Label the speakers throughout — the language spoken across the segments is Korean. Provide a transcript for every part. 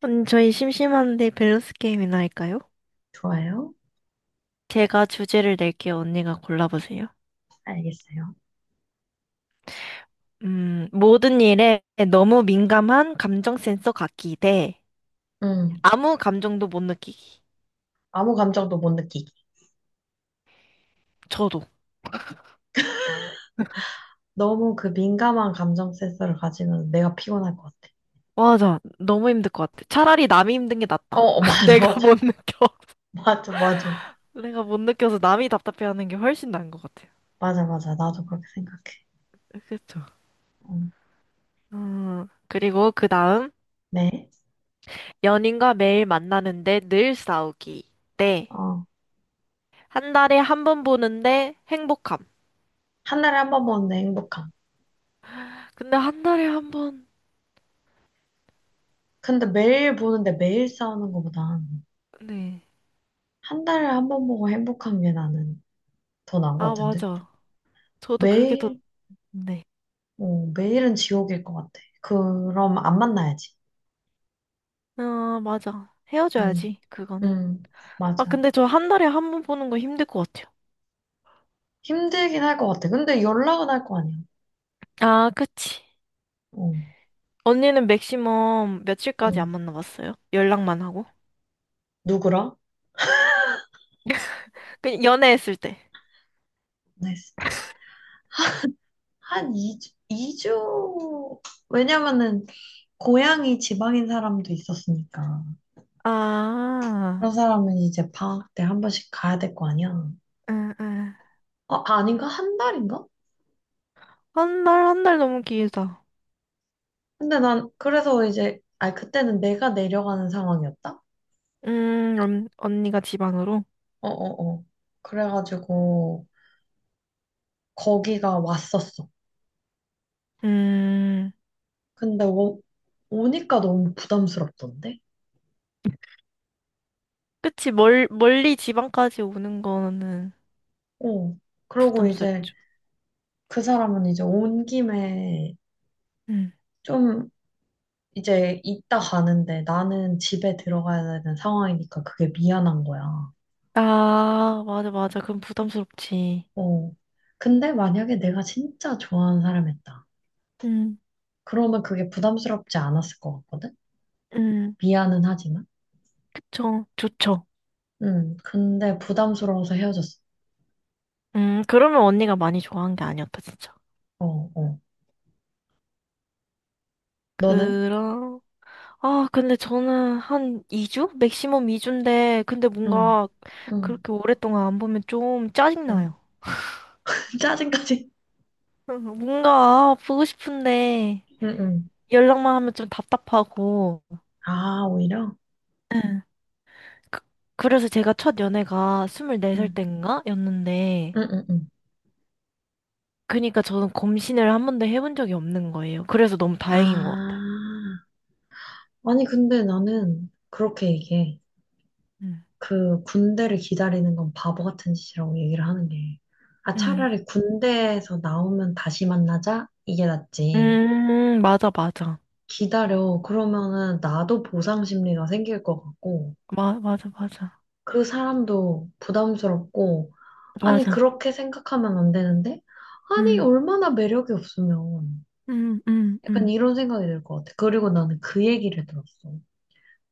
Speaker 1: 언니, 저희 심심한데 밸런스 게임이나 할까요?
Speaker 2: 좋아요.
Speaker 1: 제가 주제를 낼게요. 언니가 골라보세요.
Speaker 2: 알겠어요.
Speaker 1: 모든 일에 너무 민감한 감정 센서 갖기 대
Speaker 2: 음,
Speaker 1: 아무 감정도 못 느끼기.
Speaker 2: 아무 감정도 못 느끼기.
Speaker 1: 저도.
Speaker 2: 너무 그 민감한 감정 센서를 가지면 내가 피곤할 것 같아.
Speaker 1: 와, 아 너무 힘들 것 같아. 차라리 남이 힘든 게
Speaker 2: 어,
Speaker 1: 낫다.
Speaker 2: 어, 맞아,
Speaker 1: 내가
Speaker 2: 맞아.
Speaker 1: 못 느껴.
Speaker 2: 맞아, 맞아.
Speaker 1: 내가 못 느껴서 남이 답답해하는 게 훨씬 나은 것 같아요.
Speaker 2: 맞아, 맞아. 나도 그렇게 생각해.
Speaker 1: 그쵸?
Speaker 2: 음,
Speaker 1: 그리고 그 다음,
Speaker 2: 네.
Speaker 1: 연인과 매일 만나는데 늘 싸우기. 네.
Speaker 2: 어,
Speaker 1: 한 달에 한 번 보는데 행복함.
Speaker 2: 한 달에 한 번 보는데 행복함.
Speaker 1: 근데 한 달에 한 번,
Speaker 2: 근데 매일 보는데 매일 싸우는 것보단
Speaker 1: 네.
Speaker 2: 한 달에 한 번 보고 행복한 게 나는 더 나은 것
Speaker 1: 아,
Speaker 2: 같은데.
Speaker 1: 맞아. 저도 그게 더,
Speaker 2: 매일,
Speaker 1: 네.
Speaker 2: 어, 매일은 지옥일 것 같아. 그럼 안 만나야지.
Speaker 1: 아, 맞아.
Speaker 2: 음,
Speaker 1: 헤어져야지, 그거는.
Speaker 2: 음,
Speaker 1: 아,
Speaker 2: 맞아.
Speaker 1: 근데 저 한 달에 한 번 보는 거 힘들 것 같아요.
Speaker 2: 힘들긴 할 것 같아. 근데 연락은 할 거 아니야.
Speaker 1: 아, 그치.
Speaker 2: 어,
Speaker 1: 언니는 맥시멈 며칠까지 안
Speaker 2: 응.
Speaker 1: 만나봤어요? 연락만 하고?
Speaker 2: 누구랑?
Speaker 1: 그, 연애했을 때.
Speaker 2: 했을 때? 한 2주, 이주 왜냐면은, 고향이 지방인 사람도 있었으니까.
Speaker 1: 아,
Speaker 2: 그런 사람은 이제 방학 때 한 번씩 가야 될 거 아니야.
Speaker 1: 응, 응.
Speaker 2: 어, 아닌가? 한 달인가?
Speaker 1: 한 달, 한 달 너무 길다.
Speaker 2: 근데 난, 그래서 이제, 아니, 그때는 내가 내려가는 상황이었다?
Speaker 1: 언, 언니가 지방으로?
Speaker 2: 어, 어, 어. 그래가지고, 거기가 왔었어.
Speaker 1: 음,
Speaker 2: 근데 오, 오니까 너무 부담스럽던데?
Speaker 1: 그치. 멀, 멀리 지방까지 오는 거는
Speaker 2: 어. 그러고 이제,
Speaker 1: 부담스럽죠.
Speaker 2: 그 사람은 이제 온 김에
Speaker 1: 음.
Speaker 2: 좀 이제 있다 가는데 나는 집에 들어가야 되는 상황이니까 그게 미안한 거야.
Speaker 1: 아, 맞아, 맞아. 그럼 부담스럽지.
Speaker 2: 어. 근데 만약에 내가 진짜 좋아하는 사람이었다.
Speaker 1: 음,
Speaker 2: 그러면 그게 부담스럽지 않았을 것 같거든?
Speaker 1: 음,
Speaker 2: 미안은 하지만.
Speaker 1: 그쵸. 좋죠.
Speaker 2: 응. 근데 부담스러워서 헤어졌어.
Speaker 1: 그러면 언니가 많이 좋아한 게 아니었다, 진짜.
Speaker 2: 어, 어. 너는?
Speaker 1: 그럼, 아, 근데 저는 한 2주? 맥시멈 2주인데, 근데
Speaker 2: 응,
Speaker 1: 뭔가
Speaker 2: 응,
Speaker 1: 그렇게 오랫동안 안 보면 좀
Speaker 2: 응.
Speaker 1: 짜증나요.
Speaker 2: 짜증까지.
Speaker 1: 뭔가 보고 싶은데,
Speaker 2: 응, 응.
Speaker 1: 연락만 하면 좀 답답하고.
Speaker 2: 아, 오히려?
Speaker 1: 그, 그래서 제가 첫 연애가 24살
Speaker 2: 응,
Speaker 1: 땐가? 였는데,
Speaker 2: 응, 응, 응.
Speaker 1: 그니까 저는 검신을 한 번도 해본 적이 없는 거예요. 그래서 너무 다행인 것 같아요.
Speaker 2: 아. 아니, 근데 나는 그렇게 얘기해.
Speaker 1: 음,
Speaker 2: 그 군대를 기다리는 건 바보 같은 짓이라고 얘기를 하는 게. 아,
Speaker 1: 음,
Speaker 2: 차라리 군대에서 나오면 다시 만나자? 이게 낫지.
Speaker 1: 맞아, 맞아.
Speaker 2: 기다려. 그러면은 나도 보상 심리가 생길 것 같고,
Speaker 1: 마, 맞아, 맞아.
Speaker 2: 그 사람도 부담스럽고, 아니,
Speaker 1: 맞아.
Speaker 2: 그렇게 생각하면 안 되는데? 아니,
Speaker 1: 음,
Speaker 2: 얼마나 매력이 없으면.
Speaker 1: 음, 음,
Speaker 2: 약간
Speaker 1: 음,
Speaker 2: 이런 생각이 들 것 같아. 그리고 나는 그 얘기를 들었어.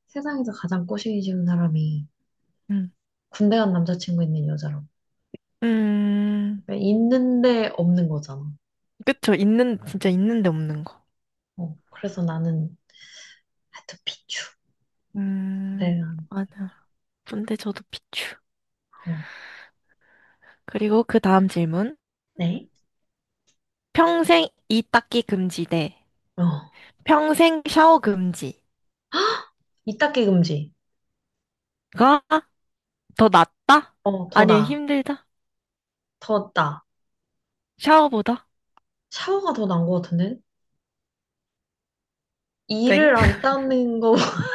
Speaker 2: 세상에서 가장 꼬시기 싫은 사람이
Speaker 1: 음.
Speaker 2: 군대 간 남자친구 있는 여자라고.
Speaker 1: 음,
Speaker 2: 그러니까 있는데 없는 거잖아.
Speaker 1: 그쵸. 있는, 진짜 있는데 없는 거.
Speaker 2: 어, 그래서 나는 하여피추
Speaker 1: 음.
Speaker 2: 내가
Speaker 1: 맞아. 근데 저도 비추.
Speaker 2: 어,
Speaker 1: 그리고 그 다음 질문.
Speaker 2: 네.
Speaker 1: 평생 이 닦기 금지 대
Speaker 2: 어,
Speaker 1: 평생 샤워 금지가
Speaker 2: 이닦기 금지.
Speaker 1: 더 낫다?
Speaker 2: 어, 더
Speaker 1: 아니,
Speaker 2: 나아.
Speaker 1: 힘들다?
Speaker 2: 더 나아.
Speaker 1: 샤워보다?
Speaker 2: 샤워가 더 나은 것 같은데? 이를
Speaker 1: 땡
Speaker 2: 안 닦는 거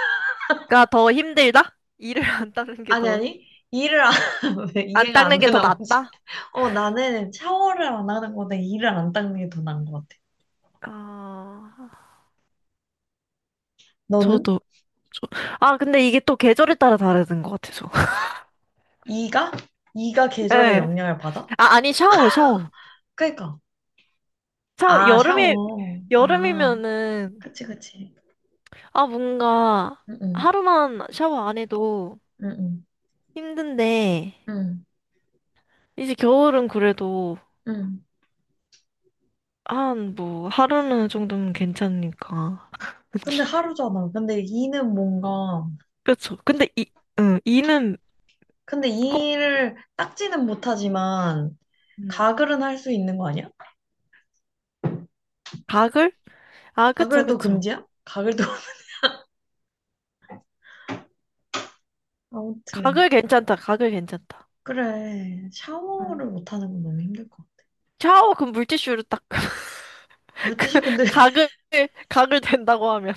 Speaker 1: 더 힘들다? 이를 안 닦는 게
Speaker 2: 아니
Speaker 1: 더,
Speaker 2: 아니. 이를 안 왜
Speaker 1: 안
Speaker 2: 이해가 안
Speaker 1: 닦는 게 더
Speaker 2: 되나 보지.
Speaker 1: 낫다?
Speaker 2: 어, 나는 샤워를 안 하는 거보다 이를 안 닦는 게 더 나은 것 같아.
Speaker 1: 아,
Speaker 2: 너는?
Speaker 1: 저도, 저, 아, 근데 이게 또 계절에 따라 다르는 것 같아서.
Speaker 2: 이가? 이가 계절의
Speaker 1: 예.
Speaker 2: 영향을 받아?
Speaker 1: 아, 아니, 샤워.
Speaker 2: 그러니까.
Speaker 1: 샤워,
Speaker 2: 아,
Speaker 1: 여름에,
Speaker 2: 샤워. 아,
Speaker 1: 여름이면은,
Speaker 2: 그치, 그치.
Speaker 1: 아, 뭔가,
Speaker 2: 응, 응,
Speaker 1: 하루만 샤워 안 해도
Speaker 2: 응,
Speaker 1: 힘든데,
Speaker 2: 응,
Speaker 1: 이제 겨울은 그래도,
Speaker 2: 응.
Speaker 1: 한, 뭐, 하루는 정도면 괜찮으니까.
Speaker 2: 근데 하루잖아. 근데 이는 뭔가,
Speaker 1: 그쵸. 근데 이, 응, 이는
Speaker 2: 근데
Speaker 1: 꼭,
Speaker 2: 이를 닦지는 못하지만,
Speaker 1: 음,
Speaker 2: 가글은 할 수 있는 거 아니야?
Speaker 1: 가글? 아, 그쵸,
Speaker 2: 가글도
Speaker 1: 그쵸.
Speaker 2: 금지야? 가글도. 아무튼.
Speaker 1: 가글 괜찮다.
Speaker 2: 그래.
Speaker 1: 응.
Speaker 2: 샤워를 못하는 건 너무 힘들 것 같아.
Speaker 1: 샤워 그 물티슈로 딱 그
Speaker 2: 물티슈 근데,
Speaker 1: 가글 가글 된다고 하면.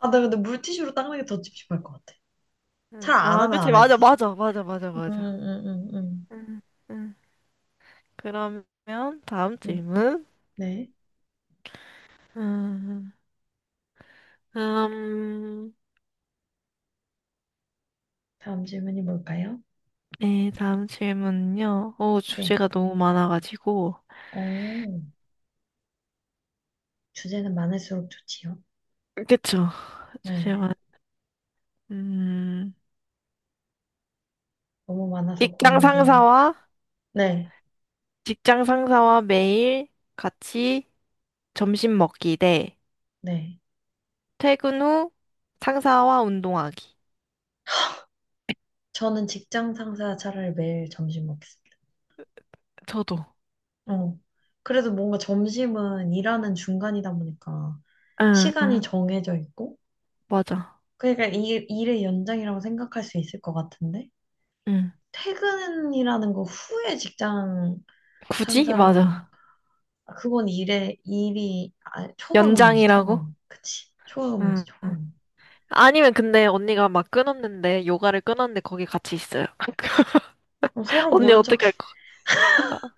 Speaker 2: 아, 나 근데 물티슈로 닦는 게 더 찝찝할 것 같아.
Speaker 1: 응.
Speaker 2: 잘 안
Speaker 1: 아,
Speaker 2: 하면
Speaker 1: 그치.
Speaker 2: 안
Speaker 1: 맞아,
Speaker 2: 했지.
Speaker 1: 맞아, 맞아, 맞아,
Speaker 2: 음,
Speaker 1: 맞아.
Speaker 2: 음, 음, 음.
Speaker 1: 응, 응. 그러면 다음
Speaker 2: 음.
Speaker 1: 질문.
Speaker 2: 네.
Speaker 1: 음, 음,
Speaker 2: 다음 질문이 뭘까요?
Speaker 1: 네, 다음 질문은요. 오,
Speaker 2: 네.
Speaker 1: 주제가 너무 많아가지고.
Speaker 2: 오, 주제는 많을수록 좋지요.
Speaker 1: 그쵸. 주제만.
Speaker 2: 네.
Speaker 1: 음,
Speaker 2: 너무 많아서
Speaker 1: 직장
Speaker 2: 고르는 게, 있...
Speaker 1: 상사와
Speaker 2: 네.
Speaker 1: 직장 상사와 매일 같이 점심 먹기 대
Speaker 2: 네.
Speaker 1: 퇴근 후 상사와 운동하기.
Speaker 2: 저는 직장 상사 차라리 매일 점심 먹겠습니다.
Speaker 1: 저도.
Speaker 2: 어. 그래도 뭔가 점심은 일하는 중간이다 보니까
Speaker 1: 응,
Speaker 2: 시간이
Speaker 1: 응,
Speaker 2: 정해져 있고,
Speaker 1: 맞아.
Speaker 2: 그러니까 일의 연장이라고 생각할 수 있을 것 같은데,
Speaker 1: 응.
Speaker 2: 퇴근이라는 거 후에 직장
Speaker 1: 굳이?
Speaker 2: 상사랑,
Speaker 1: 맞아.
Speaker 2: 아, 그건 초과 근무지, 초과
Speaker 1: 연장이라고?
Speaker 2: 근무. 그치. 초과 근무지,
Speaker 1: 응.
Speaker 2: 초과
Speaker 1: 응.
Speaker 2: 근무.
Speaker 1: 아니면 근데 언니가 막 끊었는데 요가를 끊었는데 거기 같이 있어요.
Speaker 2: 그럼 서로
Speaker 1: 언니
Speaker 2: 모른 척해.
Speaker 1: 어떻게 할 거야?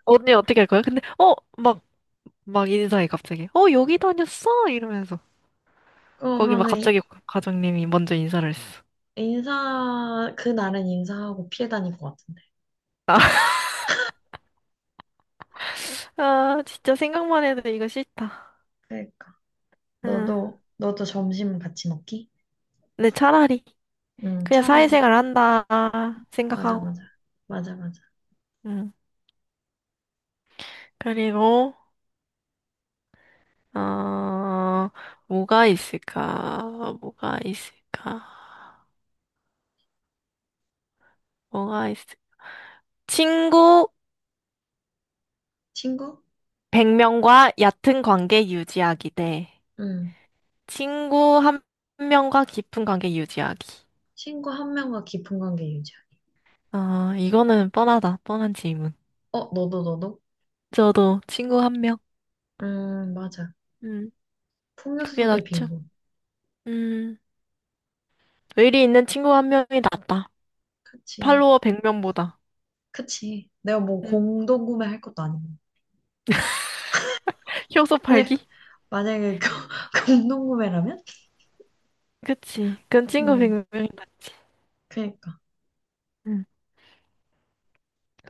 Speaker 1: 언니 어떻게 할 거야? 근데 어, 막, 막 인사해 갑자기. 어, 여기 다녔어? 이러면서. 거기 막
Speaker 2: 그러면은 이-
Speaker 1: 갑자기 과장님이 먼저 인사를 했어.
Speaker 2: 인사, 그날은 인사하고 피해 다닐 것 같은데.
Speaker 1: 아, 진짜 생각만 해도 이거 싫다.
Speaker 2: 그러니까.
Speaker 1: 응.
Speaker 2: 너도, 너도 점심 같이 먹기?
Speaker 1: 근데 차라리
Speaker 2: 응,
Speaker 1: 그냥
Speaker 2: 차라리.
Speaker 1: 사회생활 한다
Speaker 2: 맞아,
Speaker 1: 생각하고.
Speaker 2: 맞아. 맞아, 맞아.
Speaker 1: 응. 그리고, 어, 뭐가 있을까? 뭐가 있을까? 뭐가 있을 친구
Speaker 2: 친구?
Speaker 1: 100명과 얕은 관계 유지하기 대
Speaker 2: 응.
Speaker 1: 친구 한 명과 깊은 관계 유지하기.
Speaker 2: 친구 한 명과 깊은 관계 유지하기.
Speaker 1: 아, 이거는 뻔하다. 뻔한 질문.
Speaker 2: 어, 너도, 너도?
Speaker 1: 저도 친구 한 명.
Speaker 2: 맞아.
Speaker 1: 음,
Speaker 2: 풍요
Speaker 1: 그게
Speaker 2: 속의
Speaker 1: 낫죠.
Speaker 2: 빈곤.
Speaker 1: 음, 의리 있는 친구 한 명이 낫다.
Speaker 2: 그치.
Speaker 1: 팔로워 100명보다.
Speaker 2: 그치. 내가 뭐
Speaker 1: 음,
Speaker 2: 공동 구매할 것도 아니고.
Speaker 1: 효소
Speaker 2: 만약,
Speaker 1: 팔기?
Speaker 2: 만약에 공동 구매라면?
Speaker 1: 그치. 그건 친구
Speaker 2: 음,
Speaker 1: 100명이 낫지.
Speaker 2: 그니까.
Speaker 1: 음.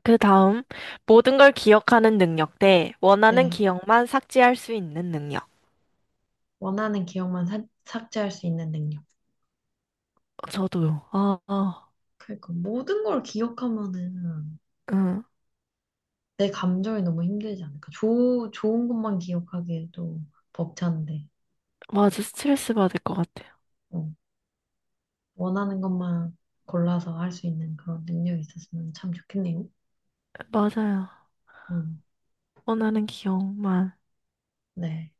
Speaker 1: 그 다음, 모든 걸 기억하는 능력 대 원하는
Speaker 2: 네.
Speaker 1: 기억만 삭제할 수 있는 능력.
Speaker 2: 원하는 기억만 삭- 삭제할 수 있는 능력.
Speaker 1: 저도요. 아, 아,
Speaker 2: 그니까. 모든 걸 기억하면은
Speaker 1: 응.
Speaker 2: 내 감정이 너무 힘들지 않을까. 좋 좋은 것만 기억하기에도 벅찬데,
Speaker 1: 맞아, 스트레스 받을 것 같아요.
Speaker 2: 어, 원하는 것만 골라서 할 수 있는 그런 능력이 있었으면 참 좋겠네요.
Speaker 1: 맞아요.
Speaker 2: 음,
Speaker 1: 원하는 기억만
Speaker 2: 네.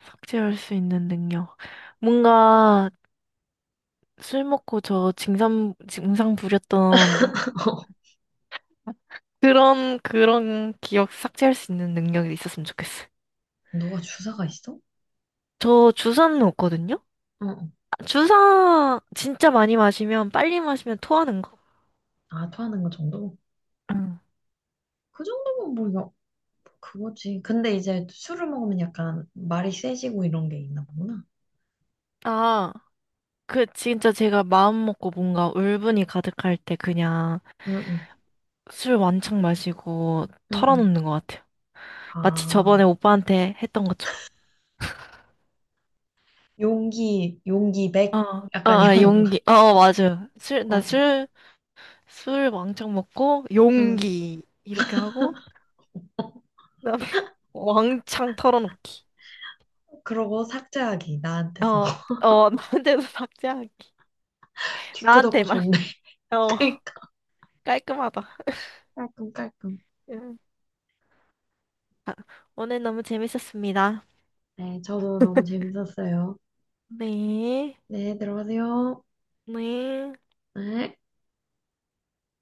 Speaker 1: 삭제할 수 있는 능력. 뭔가 술 먹고 저 증상 부렸던 그런 기억 삭제할 수 있는 능력이 있었으면 좋겠어요.
Speaker 2: 누가 주사가 있어? 어,
Speaker 1: 저 주사는 없거든요?
Speaker 2: 어.
Speaker 1: 아, 주사 진짜 많이 마시면, 빨리 마시면 토하는 거?
Speaker 2: 아, 토하는 거 정도?
Speaker 1: 응.
Speaker 2: 그 정도면 뭐, 여, 그거지. 근데 이제 술을 먹으면 약간 말이 세지고 이런 게 있나 보구나.
Speaker 1: 아. 그 진짜 제가 마음 먹고 뭔가 울분이 가득할 때 그냥
Speaker 2: 응, 응,
Speaker 1: 술 왕창 마시고
Speaker 2: 응, 응.
Speaker 1: 털어놓는 것 같아요. 마치
Speaker 2: 아,
Speaker 1: 저번에 오빠한테 했던 것처럼.
Speaker 2: 용기, 용기 백, 약간 이런
Speaker 1: 어,
Speaker 2: 건가?
Speaker 1: 용기. 맞아요.
Speaker 2: 응,
Speaker 1: 술 왕창 먹고
Speaker 2: 응.
Speaker 1: 용기 이렇게 하고 그다음에 왕창 털어놓기.
Speaker 2: 그러고 삭제하기, 나한테서.
Speaker 1: 어, 어, 나한테도 삭제하기.
Speaker 2: 뒤끝없고
Speaker 1: 나한테만.
Speaker 2: 좋네.
Speaker 1: 어,
Speaker 2: 그러니까
Speaker 1: 깔끔하다.
Speaker 2: 깔끔깔끔.
Speaker 1: 음. 아, 오늘 너무 재밌었습니다.
Speaker 2: 네, 저도 너무 재밌었어요.
Speaker 1: 네.
Speaker 2: 네, 들어가세요.
Speaker 1: 네.
Speaker 2: 네.